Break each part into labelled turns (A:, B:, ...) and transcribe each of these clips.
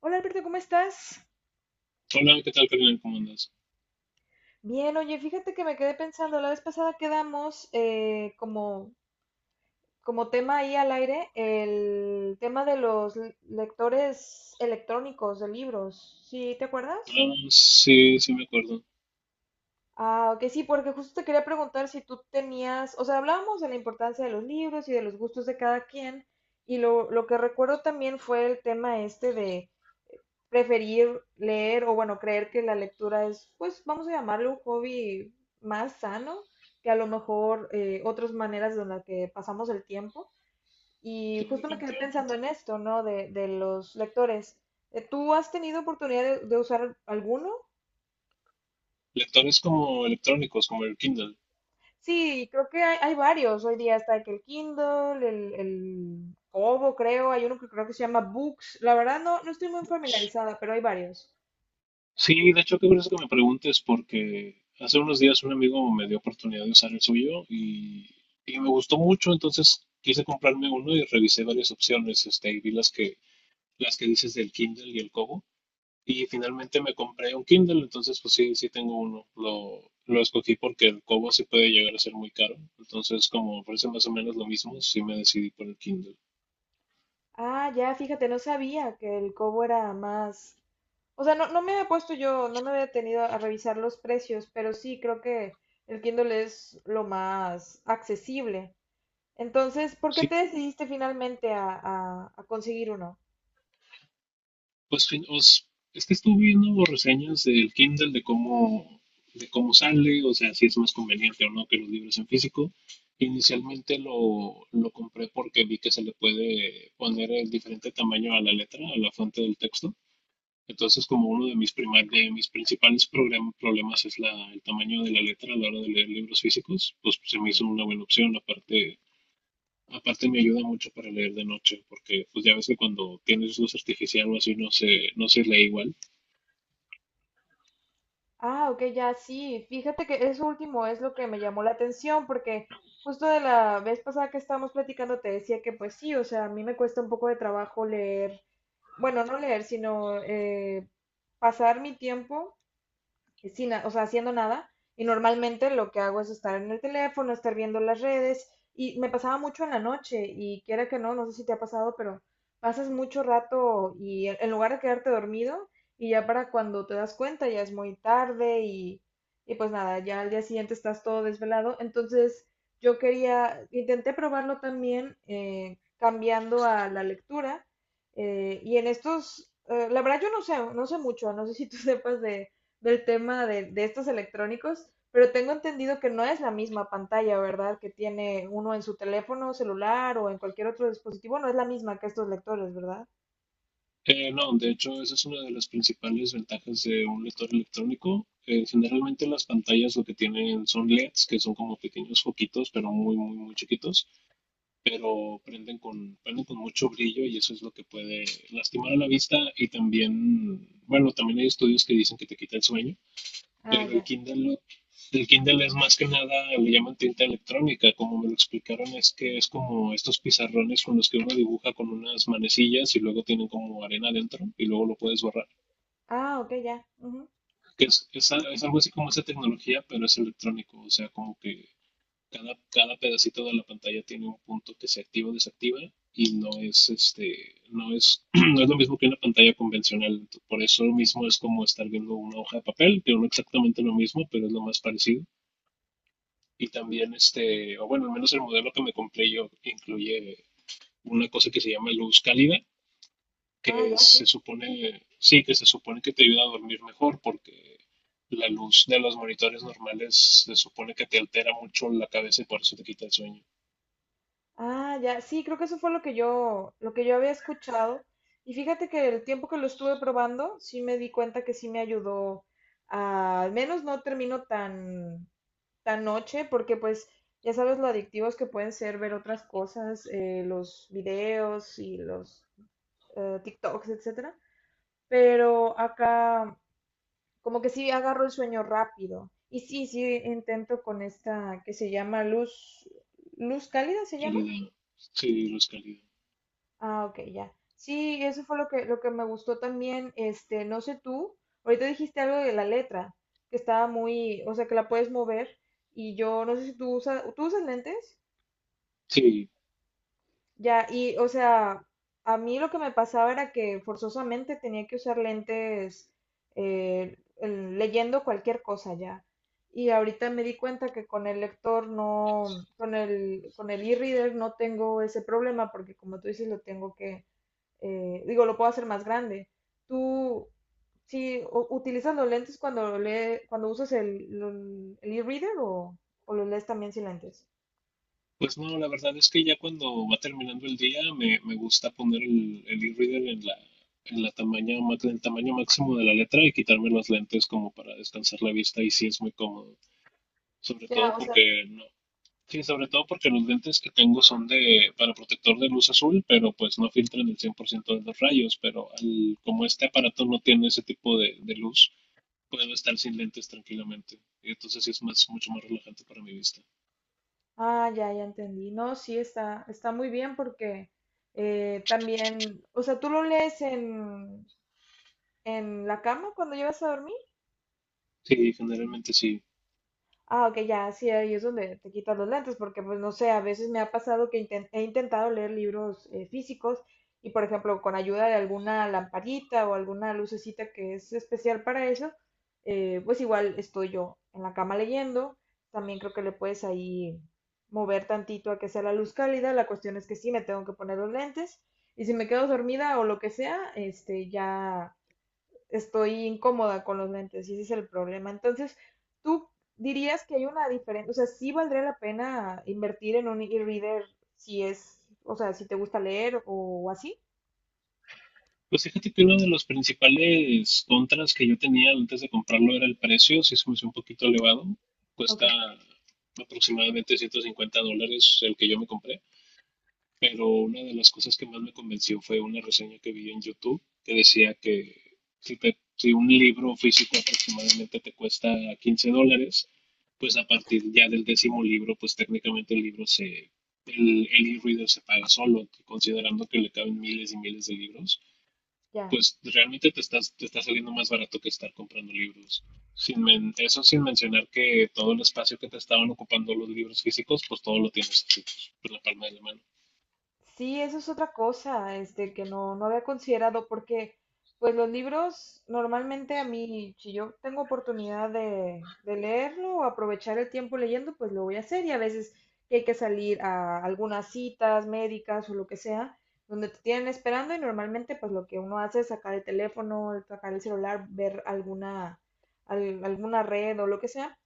A: Hola Alberto, ¿cómo estás?
B: Hola, ¿qué tal, Carmen? ¿Cómo andas?
A: Bien, oye, fíjate que me quedé pensando, la vez pasada quedamos como tema ahí al aire el tema de los lectores electrónicos de libros, ¿sí te acuerdas?
B: Ah, sí, sí me acuerdo.
A: Ah, ok, sí, porque justo te quería preguntar si tú tenías, o sea, hablábamos de la importancia de los libros y de los gustos de cada quien, y lo que recuerdo también fue el tema este de preferir leer o bueno, creer que la lectura es, pues vamos a llamarlo un hobby más sano que a lo mejor otras maneras de las que pasamos el tiempo. Y
B: Sí,
A: justo me quedé pensando
B: definitivamente.
A: en esto, ¿no? De los lectores. ¿Tú has tenido oportunidad de usar alguno?
B: Lectores como electrónicos, como el Kindle
A: Sí, creo que hay varios. Hoy día está que el Kindle, el Kobo, creo. Hay uno que creo que se llama Books. La verdad no, no estoy muy
B: Books.
A: familiarizada, pero hay varios.
B: Sí, de hecho, qué curioso que me preguntes porque hace unos días un amigo me dio oportunidad de usar el suyo y, me gustó mucho, entonces quise comprarme uno y revisé varias opciones, este, y vi las que dices del Kindle y el Kobo. Y finalmente me compré un Kindle, entonces pues sí, sí tengo uno. Lo escogí porque el Kobo sí puede llegar a ser muy caro. Entonces, como ofrece más o menos lo mismo, sí me decidí por el Kindle.
A: Ah, ya, fíjate, no sabía que el cobo era más... O sea, no, no me había puesto yo, no me había detenido a revisar los precios, pero sí creo que el Kindle es lo más accesible. Entonces, ¿por qué
B: Sí,
A: te decidiste finalmente a, a conseguir uno?
B: pues es que estuve viendo reseñas del Kindle de cómo sale, o sea, si es más conveniente o no que los libros en físico. Inicialmente lo compré porque vi que se le puede poner el diferente tamaño a la letra, a la fuente del texto. Entonces, como uno de mis, de mis principales problemas es la, el tamaño de la letra a la hora de leer libros físicos, pues se me hizo una buena opción. Aparte, aparte me ayuda mucho para leer de noche, porque pues ya ves que cuando tienes luz artificial o así no se lee igual.
A: Ah, ok, ya sí. Fíjate que eso último es lo que me llamó la atención, porque justo de la vez pasada que estábamos platicando te decía que pues sí, o sea, a mí me cuesta un poco de trabajo leer, bueno, no leer, sino pasar mi tiempo sin, o sea, haciendo nada. Y normalmente lo que hago es estar en el teléfono, estar viendo las redes. Y me pasaba mucho en la noche y quiera que no, no sé si te ha pasado, pero pasas mucho rato y en lugar de quedarte dormido y ya para cuando te das cuenta ya es muy tarde y pues nada, ya al día siguiente estás todo desvelado. Entonces yo quería, intenté probarlo también cambiando a la lectura la verdad yo no sé, no sé mucho, no sé si tú sepas de del tema de estos electrónicos, pero tengo entendido que no es la misma pantalla, ¿verdad? Que tiene uno en su teléfono celular o en cualquier otro dispositivo, no es la misma que estos lectores, ¿verdad?
B: No, de hecho, esa es una de las principales ventajas de un lector electrónico. Generalmente las pantallas lo que tienen son LEDs, que son como pequeños foquitos, pero muy, muy, muy chiquitos, pero prenden con mucho brillo y eso es lo que puede lastimar a la vista y también, bueno, también hay estudios que dicen que te quita el sueño,
A: Ah,
B: pero
A: ya.
B: El Kindle es más que nada, le llaman tinta electrónica, como me lo explicaron es que es como estos pizarrones con los que uno dibuja con unas manecillas y luego tienen como arena adentro y luego lo puedes borrar.
A: Ah, ok, ya. Ujú.
B: Que es, a- es algo así como esa tecnología, pero es electrónico, o sea, como que cada, cada pedacito de la pantalla tiene un punto que se activa o desactiva y no es este, no es, no es lo mismo que una pantalla convencional. Por eso mismo es como estar viendo una hoja de papel, que no es exactamente lo mismo, pero es lo más parecido. Y también este, o bueno, al menos el modelo que me compré yo incluye una cosa que se llama luz cálida, que
A: Ah, ya, sí.
B: que se supone que te ayuda a dormir mejor porque la luz de los monitores normales se supone que te altera mucho la cabeza y por eso te quita el sueño.
A: Ah, ya. Sí, creo que eso fue lo que yo había escuchado. Y fíjate que el tiempo que lo estuve probando, sí me di cuenta que sí me ayudó al menos no termino tan tan noche, porque pues ya sabes lo adictivos que pueden ser ver otras cosas, los videos y los TikToks, etcétera. Pero acá como que sí agarro el sueño rápido. Y sí, sí intento con esta que se llama luz cálida se llama.
B: Calidad. Sí, los calidad.
A: Ah, ok, ya. Sí, eso fue lo que me gustó también. Este, no sé tú, ahorita dijiste algo de la letra, que estaba muy, o sea, que la puedes mover. Y yo no sé si tú usas, ¿tú usas lentes?
B: Sí.
A: Ya, y o sea, a mí lo que me pasaba era que forzosamente tenía que usar lentes leyendo cualquier cosa ya. Y ahorita me di cuenta que con el lector no, con el e-reader no tengo ese problema porque como tú dices, lo tengo que, digo, lo puedo hacer más grande. Tú, sí, ¿utilizas los lentes cuando lee, cuando usas el, el e-reader o los lees también sin lentes?
B: Pues no, la verdad es que ya cuando va terminando el día me gusta poner el e-reader en en el tamaño máximo de la letra y quitarme los lentes como para descansar la vista y sí es muy cómodo. Sobre todo
A: Ya, o sea,
B: porque no. Sí, sobre todo porque los lentes que tengo son de para protector de luz azul, pero pues no filtran el 100% de los rayos, pero como este aparato no tiene ese tipo de luz, puedo estar sin lentes tranquilamente. Y entonces sí es más, mucho más relajante para mi vista.
A: ah, ya, ya entendí. No, sí, está, está muy bien porque también, o sea, ¿tú lo lees en la cama cuando llegas a dormir?
B: Sí, generalmente sí.
A: Ah, ok, ya, sí, ahí es donde te quitas los lentes, porque pues no sé, a veces me ha pasado que he intentado leer libros físicos y por ejemplo con ayuda de alguna lamparita o alguna lucecita que es especial para eso, pues igual estoy yo en la cama leyendo, también creo que le puedes ahí mover tantito a que sea la luz cálida, la cuestión es que sí me tengo que poner los lentes y si me quedo dormida o lo que sea, este ya estoy incómoda con los lentes y ese es el problema. Entonces, ¿tú dirías que hay una diferencia? O sea, ¿sí valdría la pena invertir en un e-reader si es, o sea, si te gusta leer o, así?
B: Pues fíjate que uno de los principales contras que yo tenía antes de comprarlo era el precio, sí se me hizo un poquito elevado, cuesta
A: Ok.
B: aproximadamente $150 el que yo me compré. Pero una de las cosas que más me convenció fue una reseña que vi en YouTube que decía que si un libro físico aproximadamente te cuesta $15, pues a partir ya del décimo libro, pues técnicamente el e-reader se paga solo, considerando que le caben miles y miles de libros,
A: Ya.
B: pues realmente te está saliendo más barato que estar comprando libros. Sin men- eso sin mencionar que todo el espacio que te estaban ocupando los libros físicos, pues todo lo tienes así, por la palma de la mano.
A: Sí, eso es otra cosa, este, que no, no había considerado, porque pues los libros normalmente a mí, si yo tengo oportunidad de leerlo o aprovechar el tiempo leyendo, pues lo voy a hacer y a veces que hay que salir a algunas citas médicas o lo que sea, donde te tienen esperando y normalmente pues lo que uno hace es sacar el teléfono, sacar el celular, ver alguna, alguna red o lo que sea.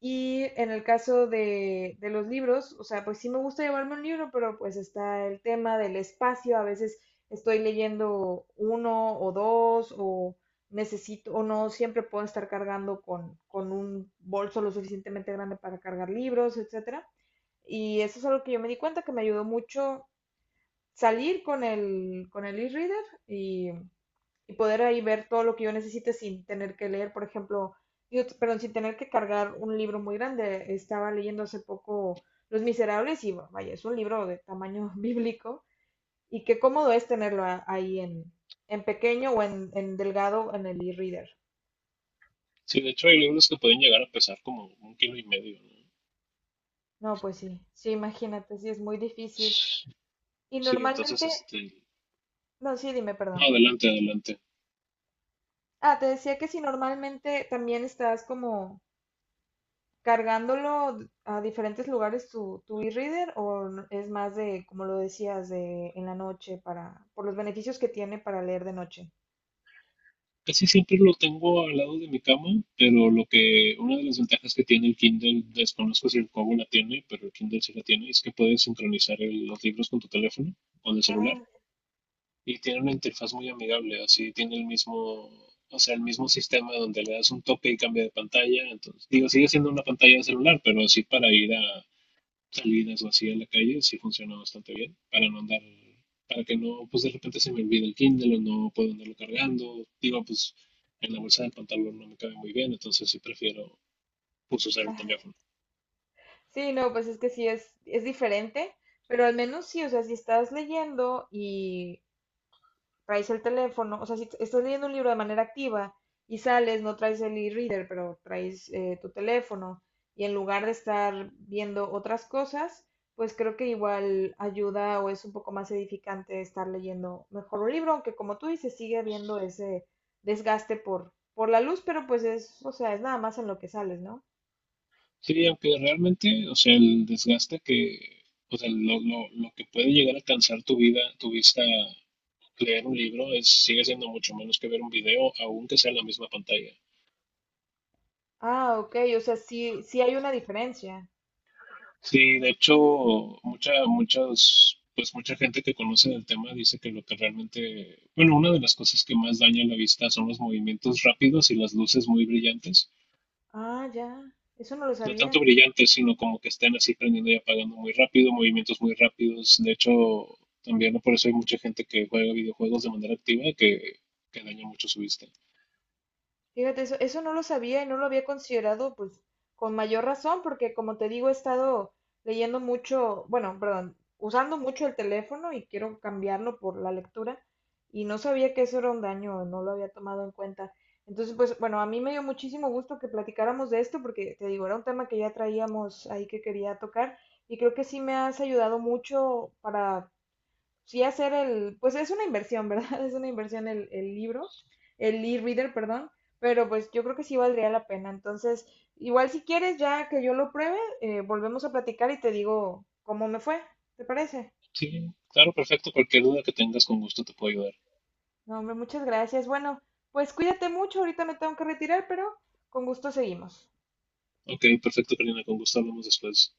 A: Y en el caso de los libros, o sea, pues sí me gusta llevarme un libro, pero pues está el tema del espacio. A veces estoy leyendo uno o dos o necesito o no siempre puedo estar cargando con un bolso lo suficientemente grande para cargar libros, etcétera. Y eso es algo que yo me di cuenta que me ayudó mucho salir con el e-reader y poder ahí ver todo lo que yo necesite sin tener que leer, por ejemplo, digo, perdón, sin tener que cargar un libro muy grande. Estaba leyendo hace poco Los Miserables y bueno, vaya, es un libro de tamaño bíblico y qué cómodo es tenerlo ahí en pequeño o en delgado en el e-reader.
B: Sí, de hecho hay libros que pueden llegar a pesar como un kilo y medio, ¿no?
A: No, pues sí, sí, imagínate, sí es muy difícil. Y
B: Sí, entonces,
A: normalmente,
B: este,
A: no, sí, dime,
B: no,
A: perdón.
B: adelante, adelante.
A: Ah, te decía que si normalmente también estás como cargándolo a diferentes lugares tu, tu e-reader o es más de, como lo decías, ¿de en la noche para, por los beneficios que tiene para leer de noche?
B: Casi siempre lo tengo al lado de mi cama, pero lo que, una de las ventajas que tiene el Kindle, desconozco si el Kobo la tiene, pero el Kindle sí la tiene, es que puedes sincronizar los libros con tu teléfono o el
A: Ah,
B: celular y tiene una interfaz muy amigable, así tiene el mismo, o sea, el mismo sistema donde le das un toque y cambia de pantalla, entonces, digo, sigue siendo una pantalla de celular, pero así para ir a salidas o así a la calle, sí funciona bastante bien para no andar, para que no, pues de repente se me olvide el Kindle o no puedo andarlo cargando. Digo, pues en la bolsa del pantalón no me cabe muy bien, entonces sí prefiero pues usar el
A: ajá.
B: teléfono.
A: Sí, no, pues es que sí es diferente, pero al menos sí, o sea, si estás leyendo y traes el teléfono, o sea, si estás leyendo un libro de manera activa y sales, no traes el e-reader, pero traes tu teléfono y en lugar de estar viendo otras cosas, pues creo que igual ayuda o es un poco más edificante estar leyendo mejor un libro, aunque como tú dices, sigue habiendo ese desgaste por la luz, pero pues es, o sea, es nada más en lo que sales, ¿no?
B: Sí, aunque realmente, o sea, o sea, lo que puede llegar a cansar tu vista, leer un libro, es, sigue siendo mucho menos que ver un video, aunque sea en la misma pantalla.
A: Ah, ok, o sea, sí, sí hay una diferencia.
B: Sí, de hecho, pues mucha gente que conoce del tema dice que lo que realmente, bueno, una de las cosas que más daña la vista son los movimientos rápidos y las luces muy brillantes.
A: Ah, ya, eso no lo
B: No
A: sabía.
B: tanto brillantes, sino como que estén así prendiendo y apagando muy rápido, movimientos muy rápidos. De hecho, también, ¿no? Por eso hay mucha gente que juega videojuegos de manera activa que daña mucho su vista.
A: Fíjate, eso no lo sabía y no lo había considerado, pues, con mayor razón, porque como te digo, he estado leyendo mucho, bueno, perdón, usando mucho el teléfono y quiero cambiarlo por la lectura y no sabía que eso era un daño, no lo había tomado en cuenta. Entonces, pues, bueno, a mí me dio muchísimo gusto que platicáramos de esto porque, te digo, era un tema que ya traíamos ahí que quería tocar y creo que sí me has ayudado mucho para sí hacer el, pues es una inversión, ¿verdad? Es una inversión el libro, el e-reader, perdón, pero pues yo creo que sí valdría la pena. Entonces, igual si quieres, ya que yo lo pruebe, volvemos a platicar y te digo cómo me fue, ¿te parece?
B: Sí, claro, perfecto. Cualquier duda que tengas, con gusto te puedo ayudar.
A: No, hombre, muchas gracias. Bueno, pues cuídate mucho, ahorita me tengo que retirar, pero con gusto seguimos.
B: Ok, perfecto, Karina, con gusto hablamos después.